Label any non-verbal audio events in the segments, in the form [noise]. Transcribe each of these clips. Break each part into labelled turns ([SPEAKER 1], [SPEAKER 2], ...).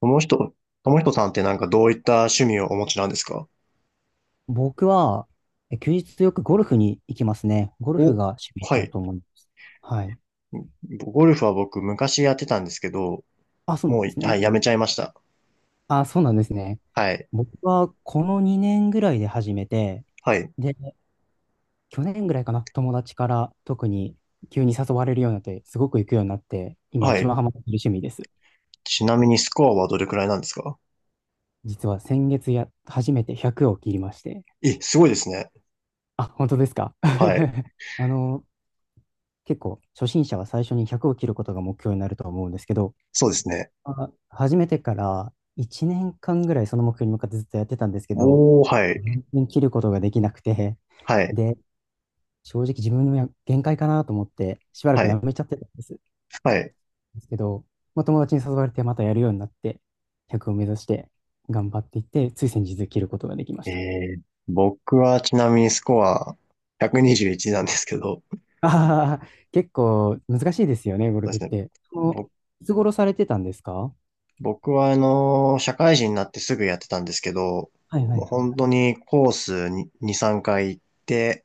[SPEAKER 1] ともひと、ともひとさんってなんかどういった趣味をお持ちなんですか？
[SPEAKER 2] 僕は、休日よくゴルフに行きますね。ゴルフ
[SPEAKER 1] お、
[SPEAKER 2] が趣味
[SPEAKER 1] は
[SPEAKER 2] だ
[SPEAKER 1] い。
[SPEAKER 2] と思います。はい。
[SPEAKER 1] ゴルフは僕昔やってたんですけど、
[SPEAKER 2] あ、そうなん
[SPEAKER 1] もう、
[SPEAKER 2] です
[SPEAKER 1] は
[SPEAKER 2] ね。
[SPEAKER 1] い、やめちゃいました。
[SPEAKER 2] あ、そうなんですね。
[SPEAKER 1] はい。
[SPEAKER 2] 僕はこの2年ぐらいで始めて、
[SPEAKER 1] はい。
[SPEAKER 2] で、去年ぐらいかな、友達から特に急に誘われるようになって、すごく行くようになって、今
[SPEAKER 1] は
[SPEAKER 2] 一
[SPEAKER 1] い。
[SPEAKER 2] 番ハマってる趣味です。
[SPEAKER 1] ちなみにスコアはどれくらいなんですか？
[SPEAKER 2] 実は先月、初めて100を切りまして。
[SPEAKER 1] え、すごいですね。
[SPEAKER 2] あ、本当ですか。
[SPEAKER 1] はい。
[SPEAKER 2] [laughs] あの、結構初心者は最初に100を切ることが目標になるとは思うんですけど、
[SPEAKER 1] そうですね。
[SPEAKER 2] 始めてから1年間ぐらいその目標に向かってずっとやってたんですけど、
[SPEAKER 1] おー、はい。
[SPEAKER 2] 全然切ることができなくて、
[SPEAKER 1] はい。
[SPEAKER 2] で、正直自分の限界かなと思って、しばら
[SPEAKER 1] は
[SPEAKER 2] くや
[SPEAKER 1] い。
[SPEAKER 2] めちゃってたんです。
[SPEAKER 1] はい。
[SPEAKER 2] ですけど、まあ、友達に誘われてまたやるようになって、100を目指して頑張っていって、つい先日切ることができま
[SPEAKER 1] え
[SPEAKER 2] した。
[SPEAKER 1] ー、僕はちなみにスコア121なんですけど、そ
[SPEAKER 2] ああ、結構難しいですよね、ゴ
[SPEAKER 1] う
[SPEAKER 2] ル
[SPEAKER 1] で
[SPEAKER 2] フっ
[SPEAKER 1] すね。
[SPEAKER 2] て。その、いつ頃されてたんですか？は
[SPEAKER 1] 僕は社会人になってすぐやってたんですけど、
[SPEAKER 2] いはいは
[SPEAKER 1] も
[SPEAKER 2] い。
[SPEAKER 1] う本当にコースに2、3回行って、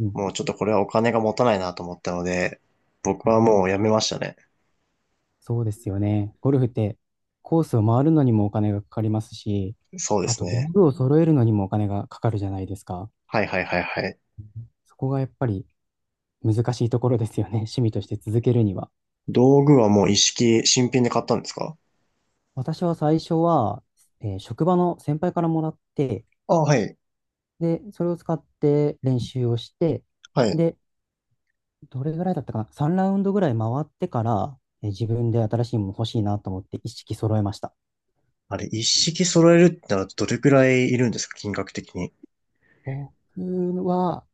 [SPEAKER 2] うん。
[SPEAKER 1] もうちょっとこれはお金が持たないなと思ったので、僕はもうやめましたね。
[SPEAKER 2] そうですよね。ゴルフってコースを回るのにもお金がかかりますし、
[SPEAKER 1] そうで
[SPEAKER 2] あ
[SPEAKER 1] す
[SPEAKER 2] と道
[SPEAKER 1] ね。
[SPEAKER 2] 具を揃えるのにもお金がかかるじゃないですか。
[SPEAKER 1] はいはいはいはい。
[SPEAKER 2] そこがやっぱり難しいところですよね。[laughs] 趣味として続けるには。
[SPEAKER 1] 道具はもう一式新品で買ったんですか？
[SPEAKER 2] 私は最初は、職場の先輩からもらって、
[SPEAKER 1] あ、はい。
[SPEAKER 2] で、それを使って練習をして、
[SPEAKER 1] はい。
[SPEAKER 2] で、どれぐらいだったかな？ 3 ラウンドぐらい回ってから、自分で新しいもの欲しいなと思って一式揃えました。
[SPEAKER 1] あれ、一式揃えるってならどれくらいいるんですか、金額的に。
[SPEAKER 2] 僕は、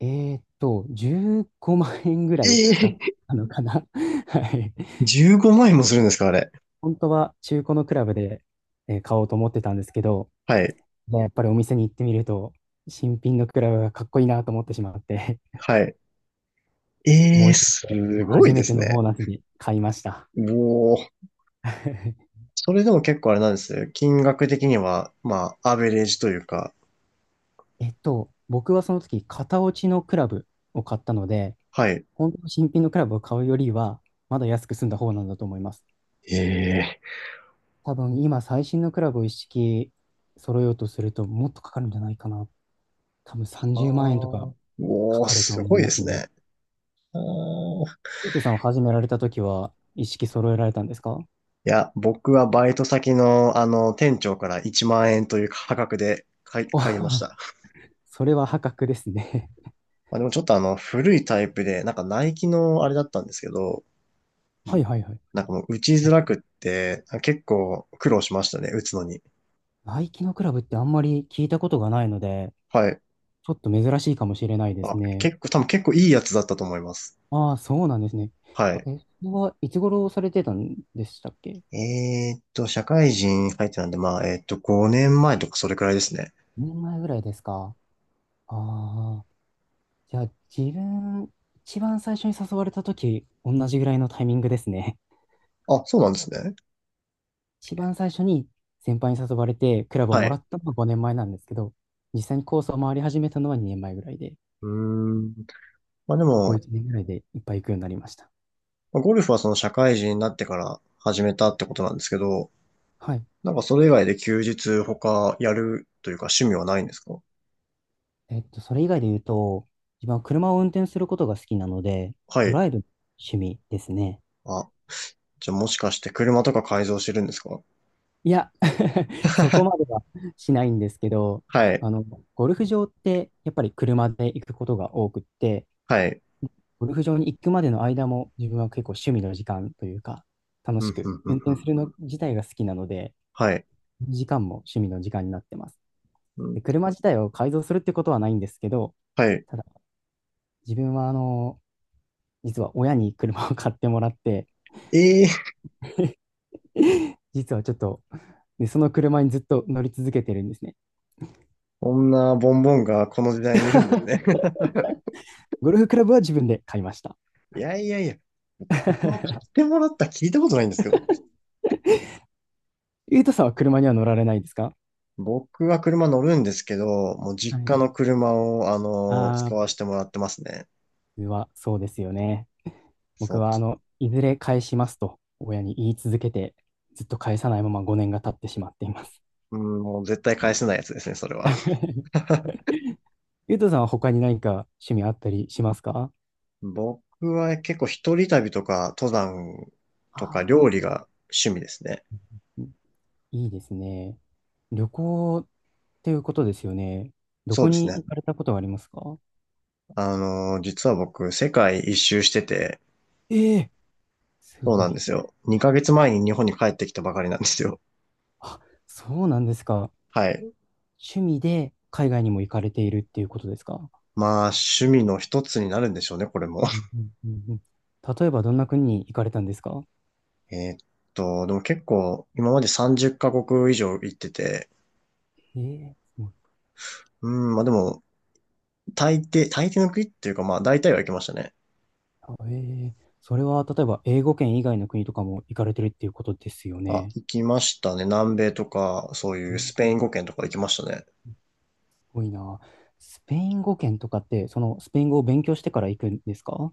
[SPEAKER 2] え15万円ぐらいかか
[SPEAKER 1] え
[SPEAKER 2] っ
[SPEAKER 1] え、
[SPEAKER 2] たのかな。[laughs] はい。
[SPEAKER 1] 15万円もするんですかあれ。
[SPEAKER 2] 本当は中古のクラブで、買おうと思ってたんですけど、
[SPEAKER 1] はい。
[SPEAKER 2] でやっぱりお店に行ってみると、新品のクラブがかっこいいなと思ってしまって、
[SPEAKER 1] はい。
[SPEAKER 2] [laughs]
[SPEAKER 1] え
[SPEAKER 2] 思
[SPEAKER 1] え、
[SPEAKER 2] い切っ
[SPEAKER 1] す
[SPEAKER 2] て
[SPEAKER 1] ごい
[SPEAKER 2] 初
[SPEAKER 1] で
[SPEAKER 2] めて
[SPEAKER 1] す
[SPEAKER 2] のボ
[SPEAKER 1] ね。
[SPEAKER 2] ーナスに買いました。
[SPEAKER 1] おー。
[SPEAKER 2] [laughs]
[SPEAKER 1] それでも結構あれなんですよ。金額的には、まあ、アベレージというか、
[SPEAKER 2] 僕はその時、型落ちのクラブを買ったので、
[SPEAKER 1] はい。
[SPEAKER 2] 本当の新品のクラブを買うよりは、まだ安く済んだ方なんだと思います。
[SPEAKER 1] ええ。
[SPEAKER 2] 多分今最新のクラブを一式揃えようとするともっとかかるんじゃないかな。多分
[SPEAKER 1] あ
[SPEAKER 2] 30万円と
[SPEAKER 1] ー、
[SPEAKER 2] かか
[SPEAKER 1] おー、
[SPEAKER 2] かると
[SPEAKER 1] す
[SPEAKER 2] 思
[SPEAKER 1] ご
[SPEAKER 2] い
[SPEAKER 1] いで
[SPEAKER 2] ます
[SPEAKER 1] す
[SPEAKER 2] ね。
[SPEAKER 1] ね。あー、
[SPEAKER 2] ゆうとさんを始められた時は一式揃えられたんですか？
[SPEAKER 1] いや、僕はバイト先の、店長から1万円という価格で買い、
[SPEAKER 2] お。
[SPEAKER 1] 買いまし
[SPEAKER 2] [laughs]
[SPEAKER 1] た。
[SPEAKER 2] それは破格ですね。
[SPEAKER 1] まあ、でもちょっと古いタイプで、なんかナイキのあれだったんですけど、
[SPEAKER 2] [laughs] はいはいはい。
[SPEAKER 1] なんかもう打ちづ
[SPEAKER 2] あ、
[SPEAKER 1] らくって、結構苦労しましたね、打つのに。
[SPEAKER 2] ナイキのクラブってあんまり聞いたことがないので、
[SPEAKER 1] はい。
[SPEAKER 2] ちょっと珍しいかもしれないで
[SPEAKER 1] あ、
[SPEAKER 2] すね。
[SPEAKER 1] 結構、多分結構いいやつだったと思います。
[SPEAKER 2] ああ、そうなんですね。
[SPEAKER 1] はい。
[SPEAKER 2] それはいつ頃されてたんでしたっけ？
[SPEAKER 1] 社会人入ってたんで、まあ、5年前とかそれくらいですね。
[SPEAKER 2] 2 年前ぐらいですか？ああ、いや、自分、一番最初に誘われた時、同じぐらいのタイミングですね。
[SPEAKER 1] あ、そうなんですね。
[SPEAKER 2] [laughs] 一番最初に先輩に誘われて、クラブを
[SPEAKER 1] は
[SPEAKER 2] もら
[SPEAKER 1] い。
[SPEAKER 2] ったのは5年前なんですけど、実際にコースを回り始めたのは2年前ぐらいで、
[SPEAKER 1] うーん。まあで
[SPEAKER 2] ここ
[SPEAKER 1] も、
[SPEAKER 2] 1年ぐらいでいっぱい行くようになりました。
[SPEAKER 1] ゴルフはその社会人になってから始めたってことなんですけど、
[SPEAKER 2] はい。
[SPEAKER 1] なんかそれ以外で休日他やるというか趣味はないんですか？
[SPEAKER 2] えっと、それ以外で言うと、自分は車を運転することが好きなので、
[SPEAKER 1] は
[SPEAKER 2] ド
[SPEAKER 1] い。
[SPEAKER 2] ライブ趣味ですね。
[SPEAKER 1] あ、じゃあもしかして車とか改造してるんですか？
[SPEAKER 2] いや、[laughs] そこま
[SPEAKER 1] [laughs]
[SPEAKER 2] ではしないんですけど、
[SPEAKER 1] はい。
[SPEAKER 2] あの、ゴルフ場ってやっぱり車で行くことが多くって、
[SPEAKER 1] はい。
[SPEAKER 2] ゴルフ場に行くまでの間も自分は結構趣味の時間というか、楽
[SPEAKER 1] うん、う
[SPEAKER 2] しく
[SPEAKER 1] ん、う
[SPEAKER 2] 運
[SPEAKER 1] ん、
[SPEAKER 2] 転する
[SPEAKER 1] うん。
[SPEAKER 2] の自体が好きなので、
[SPEAKER 1] はい。
[SPEAKER 2] 時間も趣味の時間になってます。
[SPEAKER 1] うん、
[SPEAKER 2] で、車自体を改造するってことはないんですけど、
[SPEAKER 1] はい。
[SPEAKER 2] ただ自分はあの、実は親に車を買ってもらって、
[SPEAKER 1] ええー、
[SPEAKER 2] [laughs] 実はちょっと、で、その車にずっと乗り続けてるんですね。
[SPEAKER 1] こんなボンボンがこの時代にいるんですね。[laughs]
[SPEAKER 2] ゴルフクラブは自分で買いました。
[SPEAKER 1] いやいやいや。自も買って
[SPEAKER 2] [laughs]
[SPEAKER 1] もらった聞いたことないんですけど。
[SPEAKER 2] ゆうとさんは車には乗られないですか？
[SPEAKER 1] 僕は車乗るんですけど、もう
[SPEAKER 2] は
[SPEAKER 1] 実
[SPEAKER 2] い。
[SPEAKER 1] 家の車を、使
[SPEAKER 2] あ
[SPEAKER 1] わせてもらってますね。
[SPEAKER 2] ー、はそうですよね。僕
[SPEAKER 1] そ
[SPEAKER 2] はあの、いずれ返しますと親に言い続けて、ずっと返さないまま5年が経ってしまっています。
[SPEAKER 1] う。うん、もう絶対返せないやつですね、それは。
[SPEAKER 2] [laughs] ゆうとさんは他に何か趣味あったりしますか？
[SPEAKER 1] 僕は結構一人旅とか、登山とか
[SPEAKER 2] あ
[SPEAKER 1] 料理が趣味ですね。
[SPEAKER 2] ー、いいですね。旅行っていうことですよね。ど
[SPEAKER 1] そう
[SPEAKER 2] こ
[SPEAKER 1] です
[SPEAKER 2] に
[SPEAKER 1] ね。
[SPEAKER 2] 行かれたことはありますか？
[SPEAKER 1] 実は僕、世界一周してて、
[SPEAKER 2] ええ、す
[SPEAKER 1] そう
[SPEAKER 2] ご
[SPEAKER 1] なん
[SPEAKER 2] い。
[SPEAKER 1] ですよ。2ヶ月前に日本に帰ってきたばかりなんですよ。
[SPEAKER 2] あ、そうなんですか。
[SPEAKER 1] はい。
[SPEAKER 2] 趣味で海外にも行かれているっていうことですか？
[SPEAKER 1] まあ、趣味の一つになるんでしょうね、これも。
[SPEAKER 2] うんうんうんうん。例えばどんな国に行かれたんですか？
[SPEAKER 1] えーっでも結構、今まで30カ国以上行ってて、
[SPEAKER 2] ええす
[SPEAKER 1] うん、まあでも、大抵の国っていうか、まあ大体は行きましたね。
[SPEAKER 2] ええ、それは例えば英語圏以外の国とかも行かれてるっていうことですよ
[SPEAKER 1] あ、
[SPEAKER 2] ね。
[SPEAKER 1] 行きましたね。南米とか、そうい
[SPEAKER 2] う
[SPEAKER 1] う
[SPEAKER 2] ん、
[SPEAKER 1] スペイ
[SPEAKER 2] す
[SPEAKER 1] ン語圏とか行きましたね。
[SPEAKER 2] ごいな。スペイン語圏とかって、そのスペイン語を勉強してから行くんですか？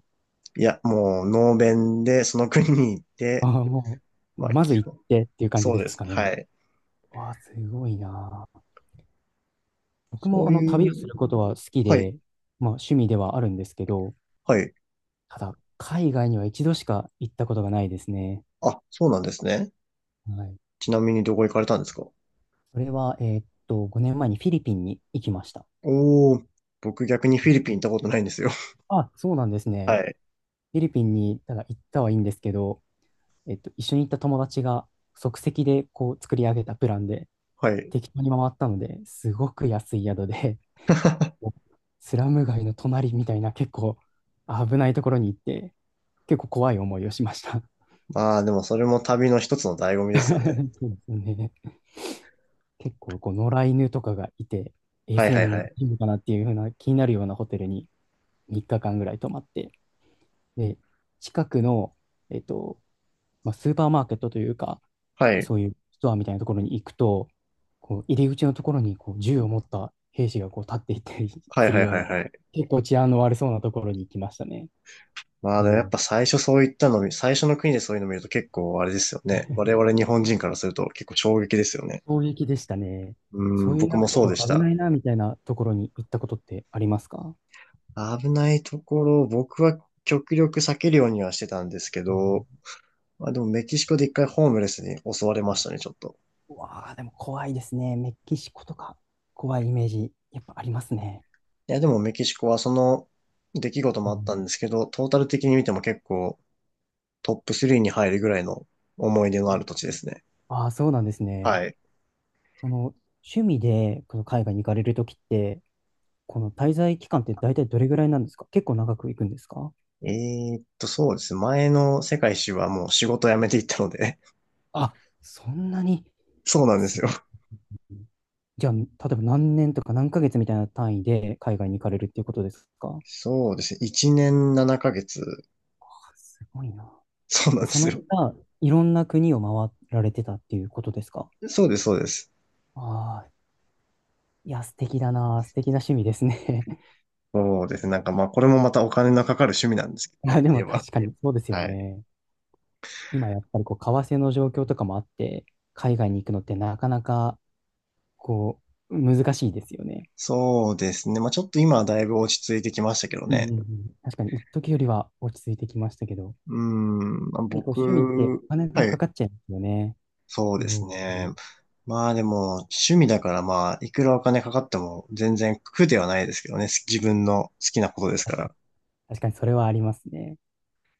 [SPEAKER 1] いや、もう、ノーベンで、その国に行っ
[SPEAKER 2] あ、
[SPEAKER 1] て、
[SPEAKER 2] [laughs] あ、もう、
[SPEAKER 1] まあ、
[SPEAKER 2] まず
[SPEAKER 1] 基
[SPEAKER 2] 行っ
[SPEAKER 1] 本。
[SPEAKER 2] てっていう感じ
[SPEAKER 1] そ
[SPEAKER 2] で
[SPEAKER 1] うで
[SPEAKER 2] す
[SPEAKER 1] す。
[SPEAKER 2] かね。
[SPEAKER 1] はい。
[SPEAKER 2] わあ、すごいな。僕
[SPEAKER 1] そ
[SPEAKER 2] もあ
[SPEAKER 1] う
[SPEAKER 2] の旅を
[SPEAKER 1] い
[SPEAKER 2] す
[SPEAKER 1] う、
[SPEAKER 2] ることは好き
[SPEAKER 1] は
[SPEAKER 2] で、
[SPEAKER 1] い、
[SPEAKER 2] まあ趣味ではあるんですけど、
[SPEAKER 1] はい。
[SPEAKER 2] ただ海外には一度しか行ったことがないですね。
[SPEAKER 1] あ、そうなんですね。
[SPEAKER 2] はい。
[SPEAKER 1] ちなみにどこ行かれたんですか？
[SPEAKER 2] それは、5年前にフィリピンに行きました。
[SPEAKER 1] おー、僕逆にフィリピン行ったことないんですよ。
[SPEAKER 2] あ、そうなんです
[SPEAKER 1] [laughs]
[SPEAKER 2] ね。
[SPEAKER 1] はい、
[SPEAKER 2] フィリピンにただ行ったはいいんですけど、えっと、一緒に行った友達が即席でこう作り上げたプランで
[SPEAKER 1] はい。
[SPEAKER 2] 適当に回ったので、すごく安い宿で、[laughs]
[SPEAKER 1] [laughs]
[SPEAKER 2] もうスラム街の隣みたいな結構危ないところに行って、結構怖い思いをしました。
[SPEAKER 1] まあ、でもそれも旅の一つの醍醐
[SPEAKER 2] [laughs]
[SPEAKER 1] 味ですよね。
[SPEAKER 2] そうですね。結構こう野良犬とかがいて、衛
[SPEAKER 1] はい
[SPEAKER 2] 生
[SPEAKER 1] はい
[SPEAKER 2] 面
[SPEAKER 1] は
[SPEAKER 2] も
[SPEAKER 1] い。
[SPEAKER 2] いいのかなっていうふうな気になるようなホテルに3日間ぐらい泊まって、で、近くの、えっと、まあ、スーパーマーケットというか、
[SPEAKER 1] はい。
[SPEAKER 2] そういうストアみたいなところに行くと、こう入り口のところにこう銃を持った兵士がこう立っていたり [laughs]
[SPEAKER 1] は
[SPEAKER 2] す
[SPEAKER 1] い
[SPEAKER 2] る
[SPEAKER 1] はい
[SPEAKER 2] よう
[SPEAKER 1] はい
[SPEAKER 2] な、
[SPEAKER 1] はい。
[SPEAKER 2] 結構治安の悪そうなところに行きましたね。
[SPEAKER 1] まあ
[SPEAKER 2] う
[SPEAKER 1] でもやっ
[SPEAKER 2] ん、
[SPEAKER 1] ぱ最初の国でそういうの見ると結構あれですよね。我々日本人からすると結構衝撃ですよね。
[SPEAKER 2] 衝撃でしたね。
[SPEAKER 1] う
[SPEAKER 2] そ
[SPEAKER 1] ん、
[SPEAKER 2] ういう
[SPEAKER 1] 僕
[SPEAKER 2] なん
[SPEAKER 1] も
[SPEAKER 2] かちょっ
[SPEAKER 1] そうで
[SPEAKER 2] と
[SPEAKER 1] し
[SPEAKER 2] 危
[SPEAKER 1] た。
[SPEAKER 2] ないなみたいなところに行ったことってありますか、
[SPEAKER 1] 危ないところ、僕は極力避けるようにはしてたんですけ
[SPEAKER 2] う
[SPEAKER 1] ど、
[SPEAKER 2] ん、
[SPEAKER 1] まあでもメキシコで一回ホームレスに襲われましたね、ちょっと。
[SPEAKER 2] うわあ、でも怖いですね。メキシコとか怖いイメージやっぱありますね。
[SPEAKER 1] いやでもメキシコはその出来事
[SPEAKER 2] う
[SPEAKER 1] もあっ
[SPEAKER 2] ん、
[SPEAKER 1] たんですけど、トータル的に見ても結構トップ3に入るぐらいの思い出のある土地ですね。
[SPEAKER 2] ああ、そうなんですね。
[SPEAKER 1] はい。
[SPEAKER 2] その、趣味でこの海外に行かれるときって、この滞在期間って大体どれぐらいなんですか？結構長く行くんですか？
[SPEAKER 1] そうですね。前の世界一周はもう仕事辞めていったので。
[SPEAKER 2] あ、そんなに。
[SPEAKER 1] [laughs] そうな
[SPEAKER 2] あ、
[SPEAKER 1] んで
[SPEAKER 2] す
[SPEAKER 1] すよ。
[SPEAKER 2] ごい。じゃあ、例えば何年とか何ヶ月みたいな単位で海外に行かれるっていうことですか？
[SPEAKER 1] そうですね。1年7ヶ月。
[SPEAKER 2] あ、すごいな。
[SPEAKER 1] そうなん
[SPEAKER 2] で、
[SPEAKER 1] で
[SPEAKER 2] そ
[SPEAKER 1] す
[SPEAKER 2] の
[SPEAKER 1] よ。
[SPEAKER 2] 間、いろんな国を回られてたっていうことですか？
[SPEAKER 1] そうです、そうです。
[SPEAKER 2] ああ、いや、素敵だな。素敵な趣味ですね。[laughs]
[SPEAKER 1] そうですね。なんかまあ、これもまたお金のかかる趣味なんですけ
[SPEAKER 2] い
[SPEAKER 1] ど
[SPEAKER 2] や、
[SPEAKER 1] ね、
[SPEAKER 2] で
[SPEAKER 1] 家
[SPEAKER 2] も
[SPEAKER 1] は。
[SPEAKER 2] 確かにそうですよ
[SPEAKER 1] はい。
[SPEAKER 2] ね。今やっぱりこう、為替の状況とかもあって、海外に行くのってなかなかこう、難しいですよね。
[SPEAKER 1] そうですね。まあ、ちょっと今はだいぶ落ち着いてきましたけど
[SPEAKER 2] うん
[SPEAKER 1] ね。
[SPEAKER 2] うんうん。確かに、一時よりは落ち着いてきましたけど、やっ
[SPEAKER 1] うーん、まあ
[SPEAKER 2] ぱりこう趣味って
[SPEAKER 1] 僕、
[SPEAKER 2] お金
[SPEAKER 1] は
[SPEAKER 2] がか
[SPEAKER 1] い。
[SPEAKER 2] かっちゃいますよね。
[SPEAKER 1] そうで
[SPEAKER 2] どう
[SPEAKER 1] す
[SPEAKER 2] して
[SPEAKER 1] ね。
[SPEAKER 2] も。
[SPEAKER 1] まあでも、趣味だからまあ、いくらお金かかっても全然苦ではないですけどね。自分の好きなことですか
[SPEAKER 2] 確か
[SPEAKER 1] ら。
[SPEAKER 2] に、確かにそれはありますね。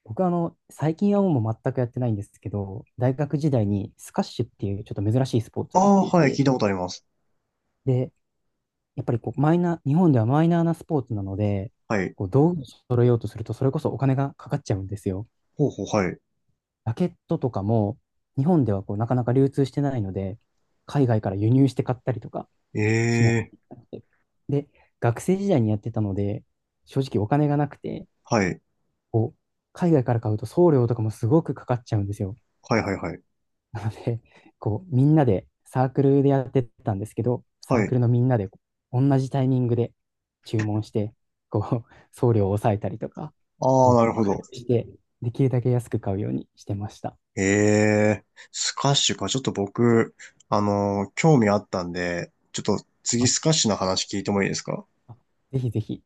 [SPEAKER 2] 僕はあの、最近はもう全くやってないんですけど、大学時代にスカッシュっていうちょっと珍しいスポー
[SPEAKER 1] あ
[SPEAKER 2] ツをやっ
[SPEAKER 1] あ、
[SPEAKER 2] てい
[SPEAKER 1] はい、聞
[SPEAKER 2] て、
[SPEAKER 1] いたことあります。
[SPEAKER 2] で、やっぱりこう、マイナー、日本ではマイナーなスポーツなので、
[SPEAKER 1] はい。
[SPEAKER 2] こう道具を揃えようとすると、それこそお金がかかっちゃうんですよ。
[SPEAKER 1] ほうほう、はい。
[SPEAKER 2] ラケットとかも、日本ではこうなかなか流通してないので、海外から輸入して買ったりとか、
[SPEAKER 1] え
[SPEAKER 2] しない。
[SPEAKER 1] え、
[SPEAKER 2] で、学生時代にやってたので、正直お金がなくて、
[SPEAKER 1] はい。
[SPEAKER 2] こう、海外から買うと送料とかもすごくかかっちゃうんですよ。
[SPEAKER 1] はい、はい、はい。
[SPEAKER 2] なので、こう、みんなでサークルでやってたんですけど、サ
[SPEAKER 1] は
[SPEAKER 2] ー
[SPEAKER 1] い。
[SPEAKER 2] クルのみんなで同じタイミングで注文して、こう、送料を抑えたりとか、す
[SPEAKER 1] ああ、
[SPEAKER 2] ごい
[SPEAKER 1] な
[SPEAKER 2] こ
[SPEAKER 1] る
[SPEAKER 2] う
[SPEAKER 1] ほ
[SPEAKER 2] 工
[SPEAKER 1] ど。
[SPEAKER 2] 夫して、できるだけ安く買うようにしてました。
[SPEAKER 1] ええ、スカッシュか。ちょっと僕、興味あったんで、ちょっと次
[SPEAKER 2] あ、
[SPEAKER 1] スカッシュの話聞いてもいいですか？
[SPEAKER 2] あ、ぜひぜひ。